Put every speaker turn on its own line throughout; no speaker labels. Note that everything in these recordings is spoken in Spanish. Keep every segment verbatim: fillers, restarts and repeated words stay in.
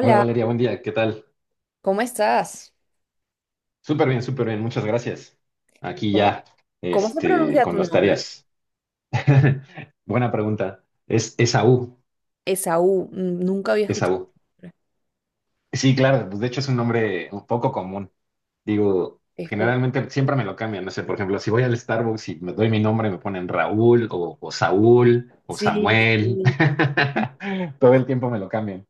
Hola Valeria, buen día, ¿qué tal?
¿cómo estás?
Súper bien, súper bien, muchas gracias. Aquí
¿Cómo,
ya,
cómo se
este,
pronuncia
con
tu
las
nombre?
tareas. Buena pregunta. Es Esaú,
Esaú, mm, nunca había escuchado
Esaú.
el nombre.
Sí, claro, pues de hecho es un nombre un poco común. Digo,
Es poco.
generalmente siempre me lo cambian, no sé, por ejemplo, si voy al Starbucks y me doy mi nombre, me ponen Raúl o, o Saúl o
Sí,
Samuel.
sí.
Todo el tiempo me lo cambian,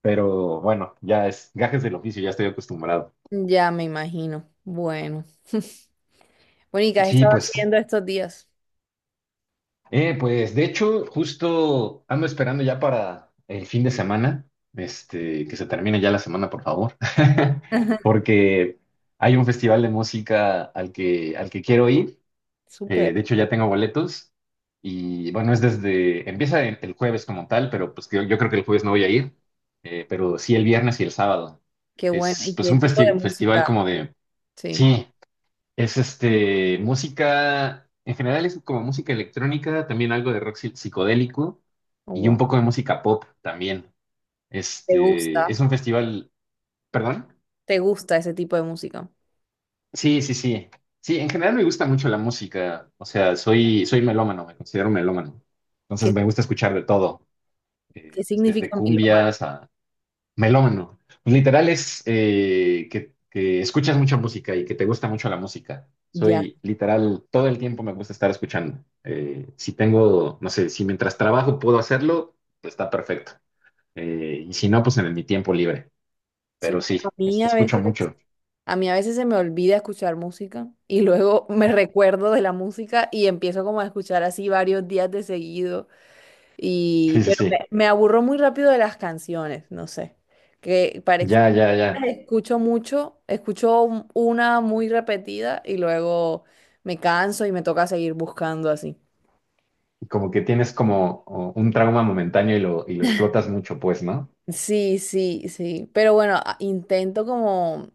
pero bueno, ya es gajes del oficio, ya estoy acostumbrado.
Ya me imagino. Bueno. Bueno, ¿y qué has
Sí,
estado
pues.
haciendo estos días?
Eh, pues de hecho, justo ando esperando ya para el fin de semana, este, que se termine ya la semana, por favor, porque hay un festival de música al que, al que quiero ir. Eh,
Súper.
de hecho, ya tengo boletos y bueno, es desde, empieza el el jueves como tal, pero pues yo, yo creo que el jueves no voy a ir, eh, pero sí el viernes y el sábado.
Qué bueno.
Es
¿Y
pues
qué
un
tipo de
festi- festival
música?
como de,
Sí.
sí. Es este, música, en general es como música electrónica, también algo de rock psi- psicodélico
Oh,
y un
wow.
poco de música pop también.
¿Te
Este, es
gusta?
un festival, ¿perdón?
¿Te gusta ese tipo de música?
Sí, sí, sí. Sí, en general me gusta mucho la música, o sea, soy, soy melómano, me considero melómano. Entonces
¿Qué,
me gusta escuchar de todo,
qué
eh, pues, desde
significa melómano?
cumbias. Melómano. Pues literal es eh, que, que escuchas mucha música y que te gusta mucho la música.
Ya.
Soy literal, todo el tiempo me gusta estar escuchando. Eh, si tengo, no sé, si mientras trabajo puedo hacerlo, pues está perfecto. Eh, y si no, pues en mi tiempo libre. Pero
Súper. A
sí,
mí
este,
a
escucho
veces.
mucho.
A mí a veces se me olvida escuchar música y luego me recuerdo de la música y empiezo como a escuchar así varios días de seguido y
Sí, sí,
pero me,
sí.
me aburro muy rápido de las canciones, no sé. Que para ex-
Ya, ya, ya.
escucho mucho, escucho un- una muy repetida y luego me canso y me toca seguir buscando así.
Como que tienes como o, un trauma momentáneo y lo, y lo explotas mucho, pues, ¿no?
Sí, sí, sí, pero bueno, a- intento como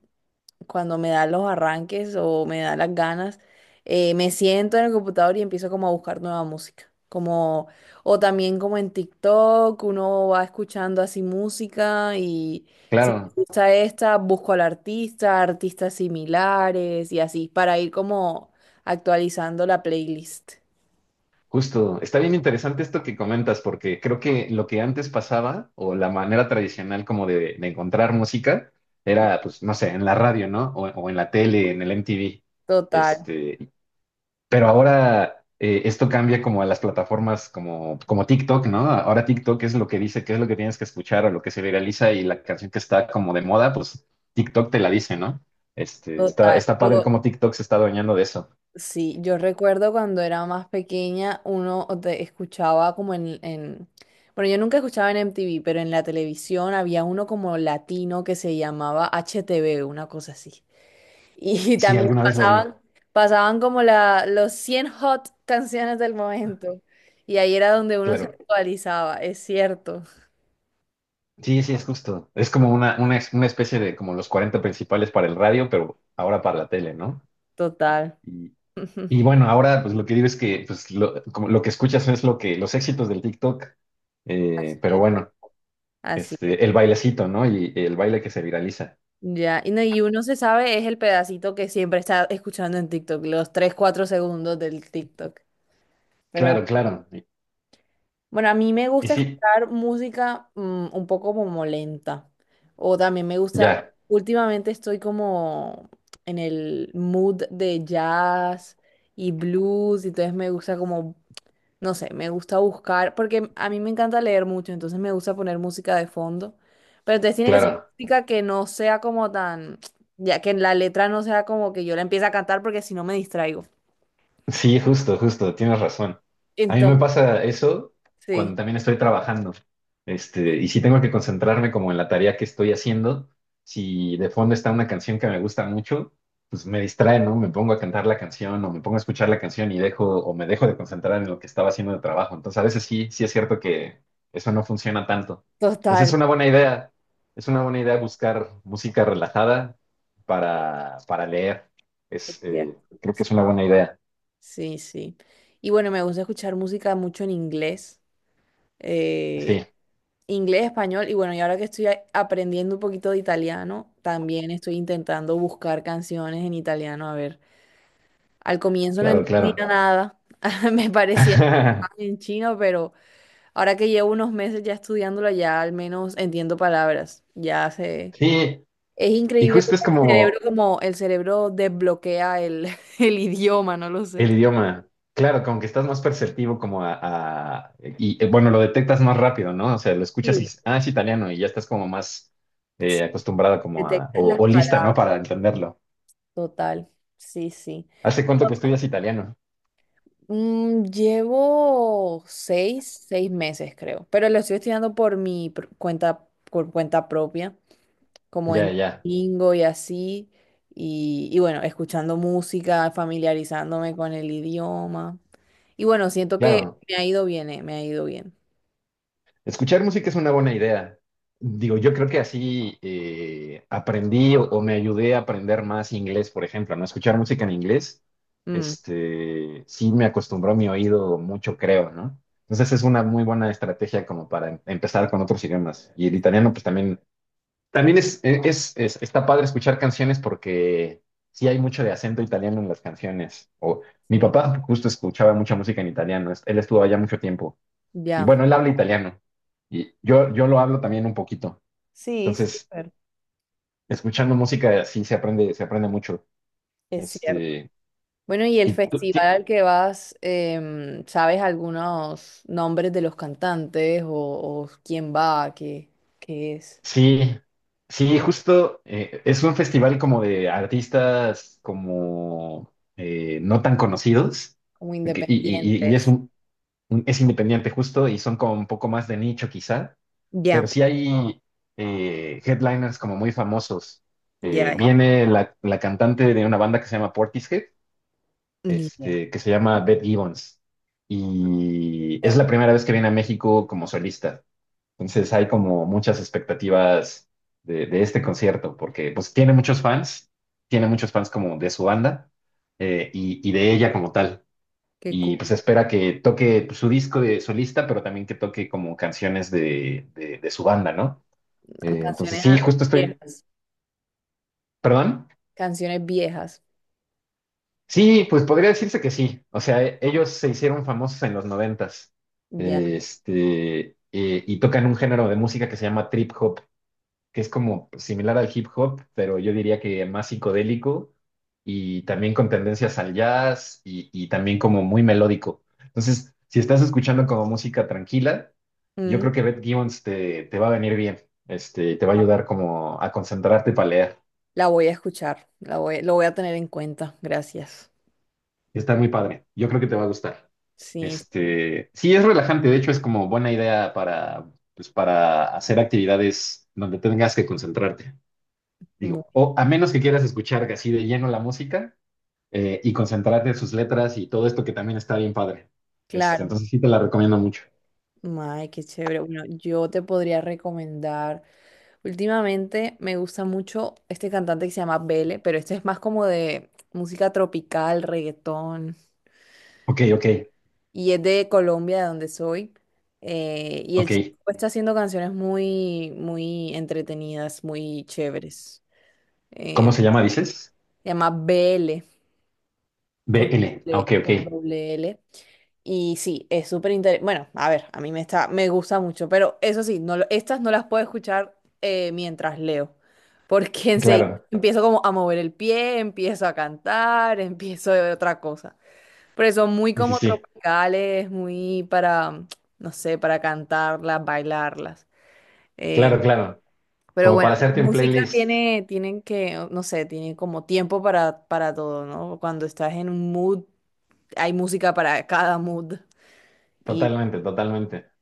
cuando me da los arranques o me da las ganas, eh, me siento en el computador y empiezo como a buscar nueva música. Como, o también como en TikTok, uno va escuchando así música y si
Claro.
me gusta esta, busco al artista, artistas similares y así, para ir como actualizando la playlist.
Justo, está bien interesante esto que comentas, porque creo que lo que antes pasaba, o la manera tradicional como de, de encontrar música, era, pues, no sé, en la radio, ¿no? O, o en la tele, en el M T V.
Total,
Este, pero ahora eh, esto cambia como a las plataformas como, como TikTok, ¿no? Ahora TikTok es lo que dice, qué es lo que tienes que escuchar o lo que se viraliza y la canción que está como de moda, pues TikTok te la dice, ¿no? Este, está,
total.
está padre
Lo-
cómo TikTok se está adueñando de eso.
Sí, yo recuerdo cuando era más pequeña, uno te escuchaba como en, en- bueno, yo nunca escuchaba en M T V, pero en la televisión había uno como latino que se llamaba H T V, una cosa así. Y
Sí,
también
alguna vez lo vi,
pasaban, pasaban como la, los cien hot canciones del momento. Y ahí era donde uno se
claro.
actualizaba, es cierto.
Sí, sí, es justo. Es como una, una, es- una especie de como los cuarenta principales para el radio, pero ahora para la tele, ¿no?
Total.
Y, y bueno, ahora pues lo que digo es que pues, lo, como lo que escuchas es lo que, los éxitos del TikTok,
Así
eh, pero
es.
bueno,
Así es.
este, el bailecito, ¿no? Y el baile que se viraliza.
Ya, y, no, y uno se sabe, es el pedacito que siempre está escuchando en TikTok, los tres cuatro segundos del TikTok. Pero
Claro, claro. Y,
bueno, a mí me
y
gusta
sí,
escuchar música mm, un poco como lenta. O también me gusta,
ya,
últimamente estoy como en el mood de jazz y blues, y entonces me gusta como no sé, me gusta buscar, porque a mí me encanta leer mucho, entonces me gusta poner música de fondo, pero entonces tiene que ser
claro.
música que no sea como tan, ya que la letra no sea como que yo la empiece a cantar porque si no me distraigo.
Sí, justo, justo, tienes razón. A mí me
Entonces,
pasa eso
sí,
cuando también estoy trabajando. Este, y si tengo que concentrarme como en la tarea que estoy haciendo, si de fondo está una canción que me gusta mucho, pues me distrae, ¿no? Me pongo a cantar la canción o me pongo a escuchar la canción y dejo o me dejo de concentrar en lo que estaba haciendo de trabajo. Entonces, a veces sí, sí es cierto que eso no funciona tanto. Entonces,
total.
es una buena idea. Es una buena idea buscar música relajada para, para leer.
Es
Es, eh,
cierto.
creo que es una buena idea.
Sí, sí. Y bueno, me gusta escuchar música mucho en inglés, eh,
Sí,
inglés, español, y bueno, y ahora que estoy a- aprendiendo un poquito de italiano, también estoy intentando buscar canciones en italiano, a ver. Al comienzo no
claro,
entendía
claro.
nada, me parecía en chino, pero ahora que llevo unos meses ya estudiándolo, ya al menos entiendo palabras. Ya sé.
Sí,
Es
y
increíble
justo
cómo
es
el cerebro,
como
como el cerebro desbloquea el, el idioma, no lo sé.
el idioma. Claro, como que estás más perceptivo como a, a- y eh, bueno, lo detectas más rápido, ¿no? O sea, lo escuchas y
Sí.
dices, ah, es italiano y ya estás como más
Sí,
eh, acostumbrada como a,
detectas
o,
las
o lista, ¿no?
palabras.
Para entenderlo.
Total, sí, sí.
¿Hace cuánto que estudias italiano?
Mm, llevo seis, seis meses, creo, pero lo estoy estudiando por mi pr- cuenta, por cuenta propia. Como
Ya,
en
ya,
domingo y así. Y, y bueno, escuchando música, familiarizándome con el idioma. Y bueno, siento que
claro.
me ha ido bien, eh, me ha ido bien.
Escuchar música es una buena idea. Digo, yo creo que así eh, aprendí o, o me ayudé a aprender más inglés, por ejemplo, ¿no? Escuchar música en inglés,
Mm,
este, sí me acostumbró mi oído mucho, creo, ¿no? Entonces es una muy buena estrategia como para em- empezar con otros idiomas. Y el italiano, pues también, también es, e, es, es- está padre escuchar canciones porque sí hay mucho de acento italiano en las canciones. O, mi
sí,
papá justo escuchaba mucha música en italiano, él estuvo allá mucho tiempo. Y
ya.
bueno, él habla italiano y yo, yo lo hablo también un poquito.
Sí,
Entonces,
súper.
escuchando música así se aprende, se aprende mucho.
Es cierto.
Este,
Bueno, y el
y tú-
festival
ti-
al que vas, em, ¿sabes algunos nombres de los cantantes o, o quién va, qué, qué es?
sí, sí, justo eh, es un festival como de artistas como eh, no tan conocidos
Como
que- y, y- y- y es
independientes.
un, un- es independiente justo y son como un poco más de nicho quizá, pero
Ya,
sí hay eh, headliners como muy famosos. Eh,
ya, ya.
viene la, la cantante de una banda que se llama Portishead,
Ni idea.
este, que se llama Beth Gibbons. Y es
Ya.
la primera vez que viene a México como solista. Entonces hay como muchas expectativas de, de este concierto, porque pues tiene muchos fans, tiene muchos fans como de su banda eh, y, y de ella como tal.
Qué
Y pues
cool.
espera que toque pues, su disco de solista, pero también que toque como canciones de, de- de su banda, ¿no? Eh, entonces
Canciones
sí, justo estoy,
viejas.
perdón.
Canciones viejas.
Sí, pues podría decirse que sí. O sea, e- ellos se hicieron famosos en los noventas.
Ya.
Este, eh, y tocan un género de música que se llama trip hop, que es como similar al hip hop, pero yo diría que más psicodélico y también con tendencias al jazz y, y también como muy melódico. Entonces, si estás escuchando como música tranquila, yo
Mm.
creo que Beth Gibbons te, te va a venir bien. Este, te va a ayudar como a concentrarte para leer.
La voy a escuchar, la voy, lo voy a tener en cuenta, gracias.
Está muy padre. Yo creo que te va a gustar.
Sí,
Este, sí, es relajante, de hecho es como buena idea para, pues, para hacer actividades donde tengas que concentrarte.
muy
Digo, o a menos que quieras escuchar así de lleno la música eh, y concentrarte en sus letras y todo esto que también está bien padre. Este,
claro.
entonces sí te la recomiendo mucho.
Ay, qué chévere. Bueno, yo te podría recomendar. Últimamente me gusta mucho este cantante que se llama Bele, pero este es más como de música tropical, reggaetón,
Ok, ok,
y es de Colombia, de donde soy. eh, y el chico
ok.
está haciendo canciones muy, muy entretenidas, muy chéveres.
¿Cómo
Eh,
se llama, dices?
se llama Bele
B
con
L. Ah,
doble,
ok, ok.
con doble L. Y sí, es súper interesante. Bueno, a ver, a mí me está, me gusta mucho, pero eso sí, no, lo- estas no las puedo escuchar eh, mientras leo, porque enseguida
Claro.
empiezo como a mover el pie, empiezo a cantar, empiezo de otra cosa. Pero son muy
Sí, sí,
como
sí.
tropicales, muy para, no sé, para cantarlas, bailarlas. Eh,
Claro, claro.
pero
Como
bueno,
para hacerte
la
un
música
playlist.
tiene, tienen que, no sé, tiene como tiempo para, para todo, ¿no? Cuando estás en un mood hay música para cada mood. Y
Totalmente, totalmente.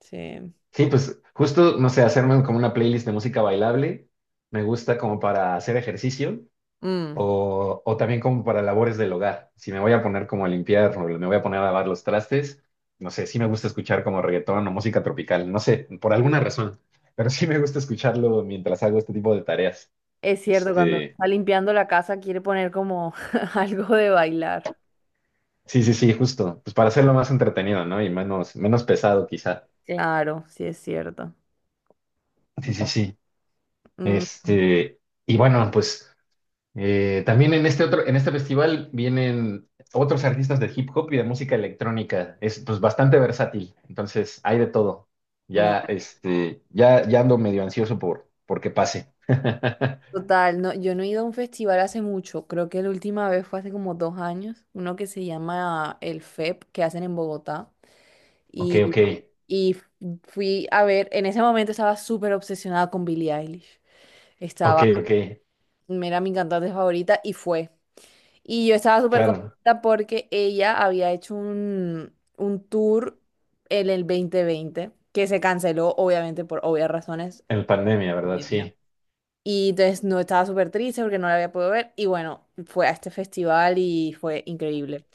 sí.
Sí, pues justo, no sé, hacerme como una playlist de música bailable, me gusta como para hacer ejercicio
Mm,
o, o también como para labores del hogar. Si me voy a poner como a limpiar o me voy a poner a lavar los trastes, no sé, sí me gusta escuchar como reggaetón o música tropical, no sé, por alguna razón, pero sí me gusta escucharlo mientras hago este tipo de tareas.
es cierto, cuando
Este,
está limpiando la casa quiere poner como algo de bailar.
sí, sí, sí, justo, pues para hacerlo más entretenido, ¿no? Y menos, menos pesado quizá.
Sí. Claro, sí es cierto.
Sí, sí, sí.
Mm,
Este, y bueno, pues... Eh, también en este otro, en este festival vienen otros artistas de hip hop y de música electrónica. Es pues bastante versátil, entonces hay de todo. Ya,
claro.
este, ya, ya ando medio ansioso por, por que pase.
Total, no, yo no he ido a un festival hace mucho. Creo que la última vez fue hace como dos años. Uno que se llama el F E P, que hacen en Bogotá.
Ok,
Y,
ok,
y f- fui a ver, en ese momento estaba súper obsesionada con Billie Eilish.
ok,
Estaba,
ok.
era mi cantante favorita y fue. Y yo estaba súper
Claro,
contenta porque ella había hecho un, un tour en el dos mil veinte que se canceló, obviamente, por obvias razones.
en pandemia, ¿verdad?
Pandemia.
Sí.
Y entonces no estaba súper triste porque no la había podido ver. Y bueno, fue a este festival y fue increíble.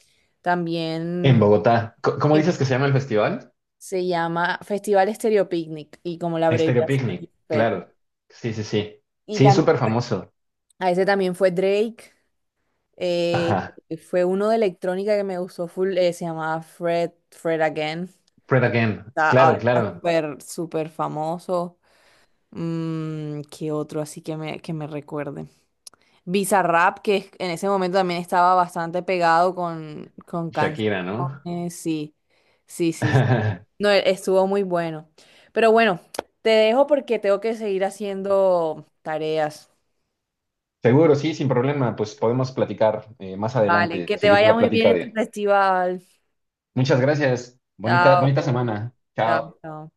En
También
Bogotá. Co- ¿Cómo
em,
dices que se llama el festival?
se llama Festival Stereo Picnic y como la
Estéreo
abreviación es
Picnic,
P E P.
claro. Sí, sí, sí.
Y
Sí,
tam
súper famoso.
a ese también fue Drake. eh,
Ajá.
fue uno de electrónica que me gustó full, eh, se llamaba Fred, Fred Again.
Fred Again.
Está- ahora
Claro,
está
claro.
súper, súper famoso. Mm, ¿qué otro así que me, que me recuerde? Bizarrap, que es- en ese momento también estaba bastante pegado con, con canciones.
Shakira, ¿no?
Sí, sí, sí, sí. No, e- estuvo muy bueno. Pero bueno, te dejo porque tengo que seguir haciendo tareas.
Seguro, sí, sin problema. Pues podemos platicar eh, más
Vale,
adelante,
que te
seguir
vaya
la
muy bien
plática
en tu
de...
festival.
Muchas gracias. Bonita,
Chao,
bonita semana.
chao,
Chao.
chao.